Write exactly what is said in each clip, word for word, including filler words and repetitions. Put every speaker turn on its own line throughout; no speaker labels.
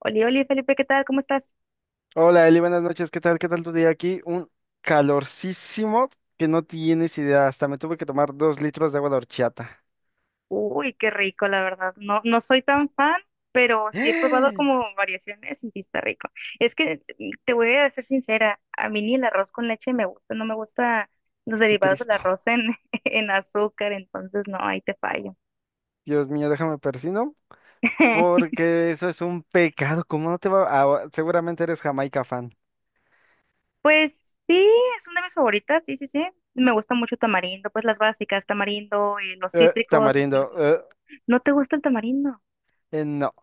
Oli, Oli, Felipe, ¿qué tal? ¿Cómo estás?
Hola Eli, buenas noches. ¿Qué tal? ¿Qué tal tu día aquí? Un calorcísimo que no tienes idea. Hasta me tuve que tomar dos litros de agua de horchata.
Uy, qué rico, la verdad. No, no soy tan fan, pero sí he probado como variaciones y sí está rico. Es que mm, te voy a ser sincera, a mí ni el arroz con leche me gusta, no me gusta los derivados del
Jesucristo.
arroz en, en azúcar, entonces no, ahí te fallo.
Dios mío, déjame persino porque eso es un pecado. ¿Cómo no te va? A- seguramente eres Jamaica fan.
Pues sí, es una de mis favoritas, sí, sí, sí. Me gusta mucho tamarindo, pues las básicas, tamarindo y los
Eh,
cítricos. las-
tamarindo. Eh,
¿No te gusta el tamarindo?
eh, no,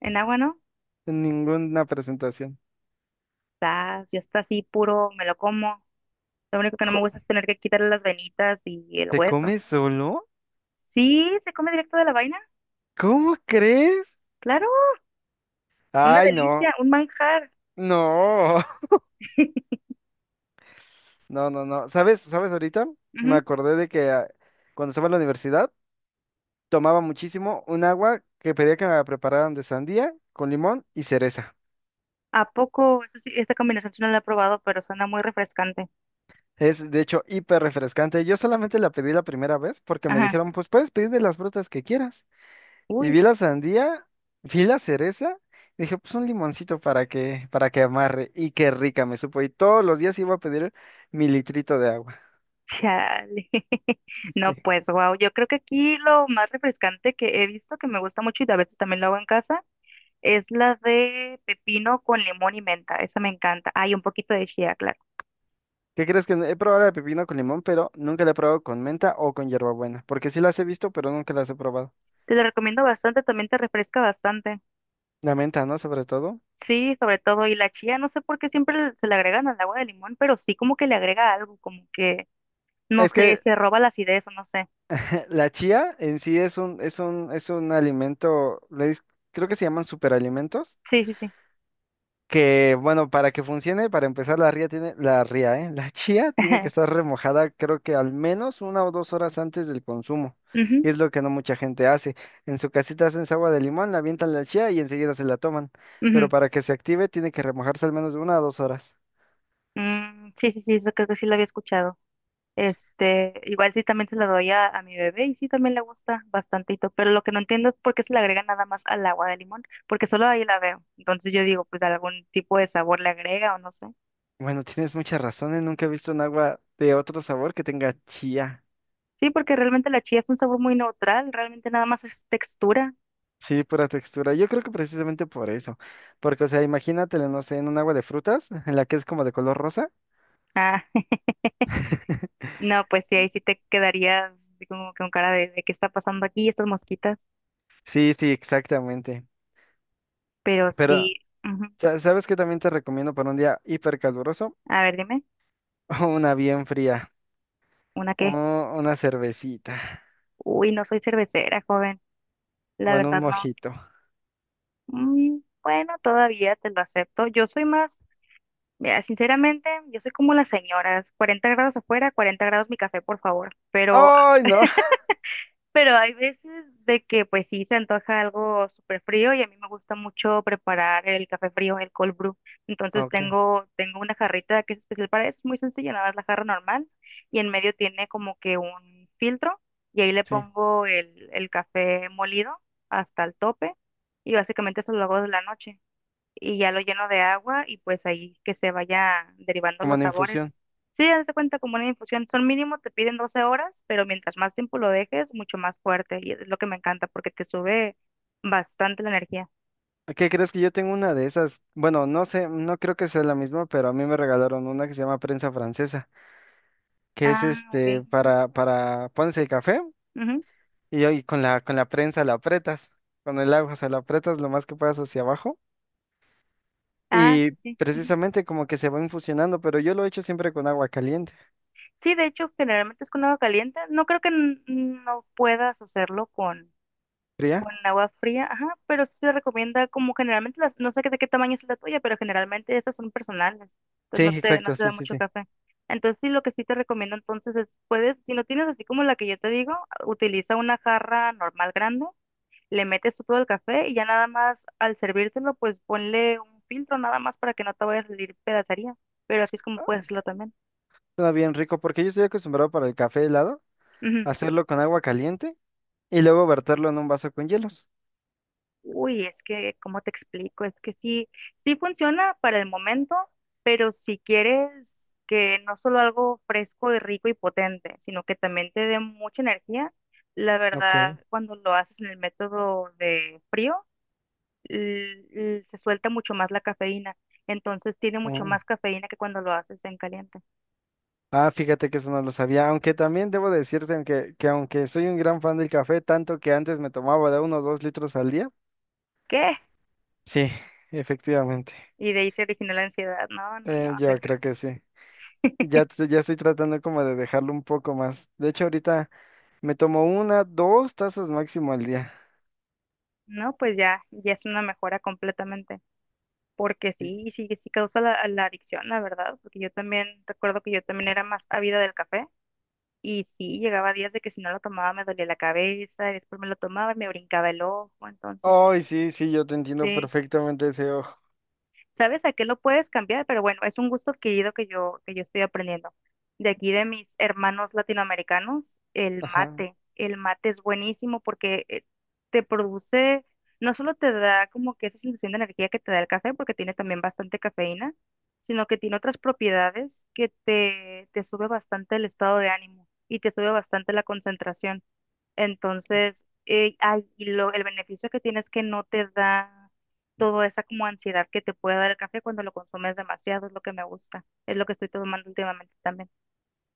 En agua, ¿no?
ninguna presentación.
Ah, yo está así puro, me lo como. Lo único que no me
Co-
gusta es tener que quitarle las venitas y el
¿Te
hueso.
comes solo?
Sí, se come directo de la vaina,
¿Cómo crees?
claro, una
Ay,
delicia,
no.
un manjar.
No. No, no, no. ¿Sabes? ¿Sabes ahorita? Me
Ujú.
acordé de que ah, cuando estaba en la universidad tomaba muchísimo un agua que pedía que me prepararan de sandía con limón y cereza.
¿A poco? Eso sí, esta combinación sí no la he probado, pero suena muy refrescante.
Es de hecho hiper refrescante. Yo solamente la pedí la primera vez porque me
Ajá.
dijeron, pues puedes pedir de las frutas que quieras. Y
Uy,
vi la sandía, vi la cereza, y dije, pues un limoncito para que, para que amarre. Y qué rica me supo. Y todos los días iba a pedir mi litrito de agua.
chale. No,
Sí.
pues, wow. Yo creo que aquí lo más refrescante que he visto, que me gusta mucho y a veces también lo hago en casa, es la de pepino con limón y menta. Esa me encanta. Hay un poquito de chía, claro.
¿Qué crees que no- he probado la de pepino con limón, pero nunca la he probado con menta o con hierbabuena? Porque sí las he visto, pero nunca las he probado.
Te la recomiendo bastante, también te refresca bastante.
La menta, ¿no? Sobre todo.
Sí, sobre todo, y la chía, no sé por qué siempre se le agregan al agua de limón, pero sí como que le agrega algo, como que, no
Es
sé,
que
se roba la acidez o no sé.
la chía en sí es un, es un, es un alimento, le dis- creo que se llaman superalimentos.
Sí, sí, sí.
Que, bueno, para que funcione, para empezar, la ría tiene, la ría, ¿eh? La chía tiene que estar remojada, creo que al menos una o dos horas antes del consumo.
Ujú,
Y es lo que no mucha gente hace. En su casita hacen su agua de limón, la avientan la chía y enseguida se la toman. Pero
ujú.
para que se active, tiene que remojarse al menos de una o dos horas.
Mm, sí, sí, sí, eso creo que sí lo había escuchado. Este, igual sí también se lo doy a, a mi bebé y sí también le gusta bastantito, pero lo que no entiendo es por qué se le agrega nada más al agua de limón, porque solo ahí la veo. Entonces yo digo, pues algún tipo de sabor le agrega o no sé.
Bueno, tienes mucha razón, ¿eh? Nunca he visto un agua de otro sabor que tenga chía.
Sí, porque realmente la chía es un sabor muy neutral, realmente nada más es textura.
Sí, pura textura. Yo creo que precisamente por eso. Porque, o sea, imagínatelo, no sé, en un agua de frutas, en la que es como de color rosa.
Ah, no, pues sí, ahí sí te quedarías así como que con cara de, de qué está pasando aquí, estas mosquitas.
Sí, sí, exactamente.
Pero sí,
Pero,
ujú.
sa- ¿Sabes qué también te recomiendo para un día hipercaluroso?
A ver, dime,
Una bien fría.
¿una
O
qué?
una cervecita.
Uy, no soy cervecera, joven. La
Bueno, un
verdad no.
mojito.
Mm, bueno, todavía te lo acepto. Yo soy más, mira, sinceramente, yo soy como las señoras. cuarenta grados afuera, cuarenta grados mi café, por favor. Pero
¡Ay, no!
Pero hay veces de que pues sí se antoja algo súper frío y a mí me gusta mucho preparar el café frío, el cold brew. Entonces
Ok,
tengo, tengo una jarrita que es especial para eso, es muy sencilla, nada más la jarra normal y en medio tiene como que un filtro y ahí le
sí,
pongo el, el café molido hasta el tope y básicamente eso lo hago de la noche y ya lo lleno de agua y pues ahí que se vaya derivando
como
los
una
sabores.
infusión.
Sí, haz de cuenta como una infusión, son mínimo, te piden doce horas, pero mientras más tiempo lo dejes, mucho más fuerte y es lo que me encanta porque te sube bastante la energía.
¿Qué crees que yo tengo una de esas? Bueno, no sé, no creo que sea la misma, pero a mí me regalaron una que se llama prensa francesa, que es
Ah, ok.
este
Ujú,
para, para, pones el café
ujú.
y ahí con la, con la prensa la apretas, con el agua, se la apretas lo más que puedas hacia abajo.
Ah,
Y
sí, sí. Ujú.
precisamente como que se van fusionando, pero yo lo he hecho siempre con agua caliente.
Sí, de hecho, generalmente es con agua caliente. No creo que n- no puedas hacerlo con.
¿Fría?
Con agua fría, ajá, pero sí se recomienda como generalmente las, no sé qué- de qué tamaño es la tuya, pero generalmente esas son personales,
Sí,
entonces no te, no
exacto,
te da
sí, sí,
mucho
sí.
café. Entonces sí, lo que sí te recomiendo entonces es, puedes, si no tienes así como la que yo te digo, utiliza una jarra normal grande, le metes tú todo el café y ya nada más al servírtelo, pues ponle un filtro nada más para que no te vaya a salir pedacería, pero así es como puedes hacerlo también.
Suena bien rico porque yo estoy acostumbrado para el café helado, hacerlo con agua caliente y luego verterlo en un vaso con hielos.
Uy, es que, ¿cómo te explico? Es que sí, sí funciona para el momento, pero si quieres que no solo algo fresco y rico y potente, sino que también te dé mucha energía, la
Ok.
verdad, cuando lo haces en el método de frío, l- l- se suelta mucho más la cafeína. Entonces tiene mucho
Mm.
más cafeína que cuando lo haces en caliente.
Ah, fíjate que eso no lo sabía, aunque también debo decirte aunque, que aunque soy un gran fan del café, tanto que antes me tomaba de uno o dos litros al día.
¿Qué?
Sí, efectivamente.
Y de ahí se origina la ansiedad. No, no, no,
Eh, yo
señor.
creo que sí. Ya, t- ya estoy tratando como de dejarlo un poco más. De hecho, ahorita me tomo una, dos tazas máximo al día.
No, pues ya, ya es una mejora completamente. Porque
Sí.
sí, sí, sí causa la, la adicción, la verdad, porque yo también recuerdo que yo también era más ávida del café y sí, llegaba días de que si no lo tomaba me dolía la cabeza, y después me lo tomaba y me brincaba el ojo, entonces sí,
Ay, sí, sí, yo te entiendo
sí.
perfectamente ese ojo.
¿Sabes a qué lo puedes cambiar? Pero bueno, es un gusto adquirido que yo, que yo estoy aprendiendo. De aquí de mis hermanos latinoamericanos, el
Ajá.
mate. El mate es buenísimo porque eh, te produce, no solo te da como que esa sensación de energía que te da el café, porque tiene también bastante cafeína, sino que tiene otras propiedades que te, te sube bastante el estado de ánimo y te sube bastante la concentración. Entonces, eh, ay, y lo- el beneficio que tienes que no te da toda esa como ansiedad que te puede dar el café cuando lo consumes demasiado, es lo que me gusta, es lo que estoy tomando últimamente también.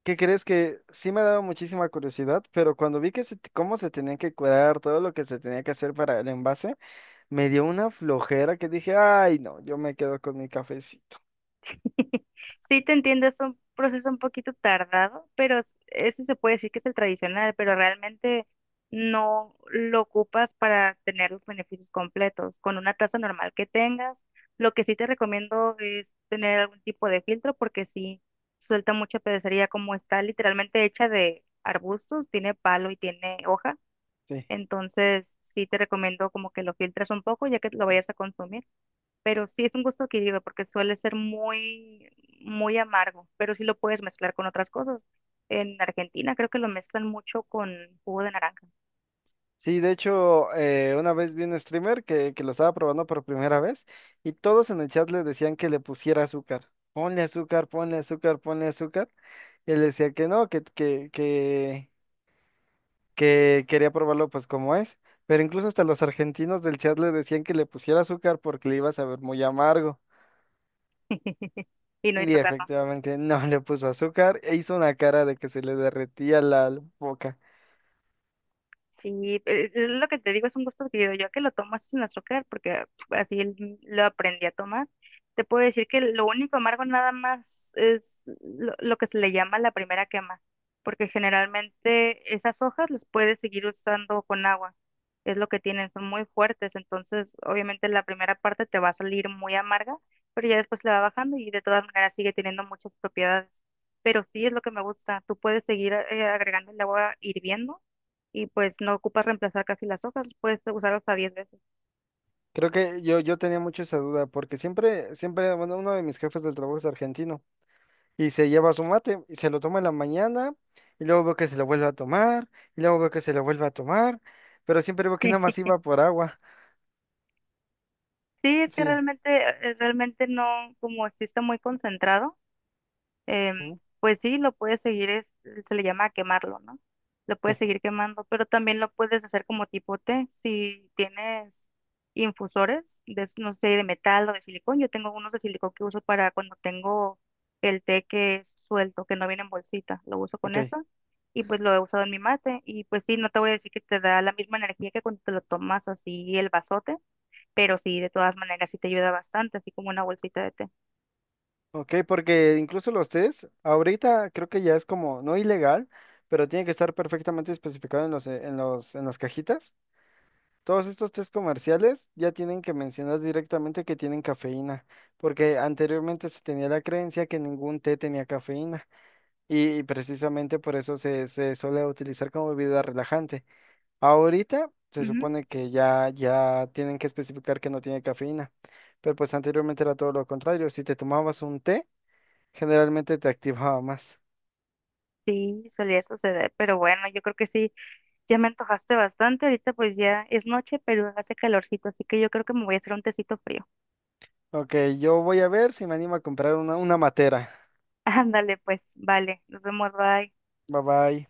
¿Qué crees que sí me daba muchísima curiosidad, pero cuando vi que se, te- cómo se tenía que curar, todo lo que se tenía que hacer para el envase, me dio una flojera que dije, ay, no, yo me quedo con mi cafecito?
Sí, te entiendo, es un proceso un poquito tardado, pero es- ese se puede decir que es el tradicional, pero realmente no lo ocupas para tener los beneficios completos. Con una taza normal que tengas, lo que sí te recomiendo es tener algún tipo de filtro porque sí suelta mucha pedacería como está literalmente hecha de arbustos, tiene palo y tiene hoja,
Sí.
entonces sí te recomiendo como que lo filtres un poco ya que lo vayas a consumir, pero sí es un gusto adquirido porque suele ser muy, muy amargo, pero sí lo puedes mezclar con otras cosas. En Argentina creo que lo mezclan mucho con jugo de naranja.
Sí, de hecho, eh, una vez vi un streamer que, que lo estaba probando por primera vez y todos en el chat le decían que le pusiera azúcar. Ponle azúcar, ponle azúcar, ponle azúcar. Él decía que no, que, que, que, que quería probarlo pues como es. Pero incluso hasta los argentinos del chat le decían que le pusiera azúcar porque le iba a saber muy amargo.
Y no
Y
hizo caso.
efectivamente no le puso azúcar e hizo una cara de que se le derretía la boca.
Sí, e- es lo que te digo, es un gusto adquirido. Yo que lo tomo así sin azúcar, porque así l- lo aprendí a tomar. Te puedo decir que lo único amargo nada más es lo, lo que se le llama la primera quema, porque generalmente esas hojas las puedes seguir usando con agua. Es lo que tienen, son muy fuertes, entonces obviamente la primera parte te va a salir muy amarga, pero ya después le va bajando y de todas maneras sigue teniendo muchas propiedades. Pero sí es lo que me gusta, tú puedes seguir eh, agregando el agua hirviendo y pues no ocupas reemplazar casi las hojas, puedes usar hasta diez veces.
Creo que yo, yo tenía mucho esa duda porque siempre, siempre, bueno, uno de mis jefes del trabajo es argentino y se lleva su mate y se lo toma en la mañana y luego veo que se lo vuelve a tomar y luego veo que se lo vuelve a tomar, pero siempre veo que nada más iba por agua.
Sí, es que
Sí.
realmente, eh, realmente no, como existe muy concentrado, em,
Ujú.
pues sí, lo puedes seguir, es- se le llama quemarlo, ¿no? Lo puedes
Sí.
seguir quemando, pero también lo puedes hacer como tipo té. Si tienes infusores, de, no sé, de metal o de silicón, yo tengo unos de silicón que uso para cuando tengo el té que es suelto, que no viene en bolsita, lo uso con
Ok,
eso y pues lo he usado en mi mate y pues sí, no te voy a decir que te da la misma energía que cuando te lo tomas así el vasote, pero sí, de todas maneras sí te ayuda bastante, así como una bolsita de té.
ok, porque incluso los test, ahorita creo que ya es como no ilegal, pero tiene que estar perfectamente especificado en los, eh, en los, en las cajitas. Todos estos test comerciales ya tienen que mencionar directamente que tienen cafeína, porque anteriormente se tenía la creencia que ningún té tenía cafeína y, y precisamente por eso se, se suele utilizar como bebida relajante. Ahorita se supone que ya, ya tienen que especificar que no tiene cafeína, pero pues anteriormente era todo lo contrario. Si te tomabas un té, generalmente te activaba más.
Sí, solía suceder, pero bueno, yo creo que sí, ya me antojaste bastante, ahorita pues ya es noche, pero hace calorcito, así que yo creo que me voy a hacer un tecito frío.
Ok, yo voy a ver si me animo a comprar una, una matera.
Ándale, pues, vale, nos vemos, bye.
Bye bye.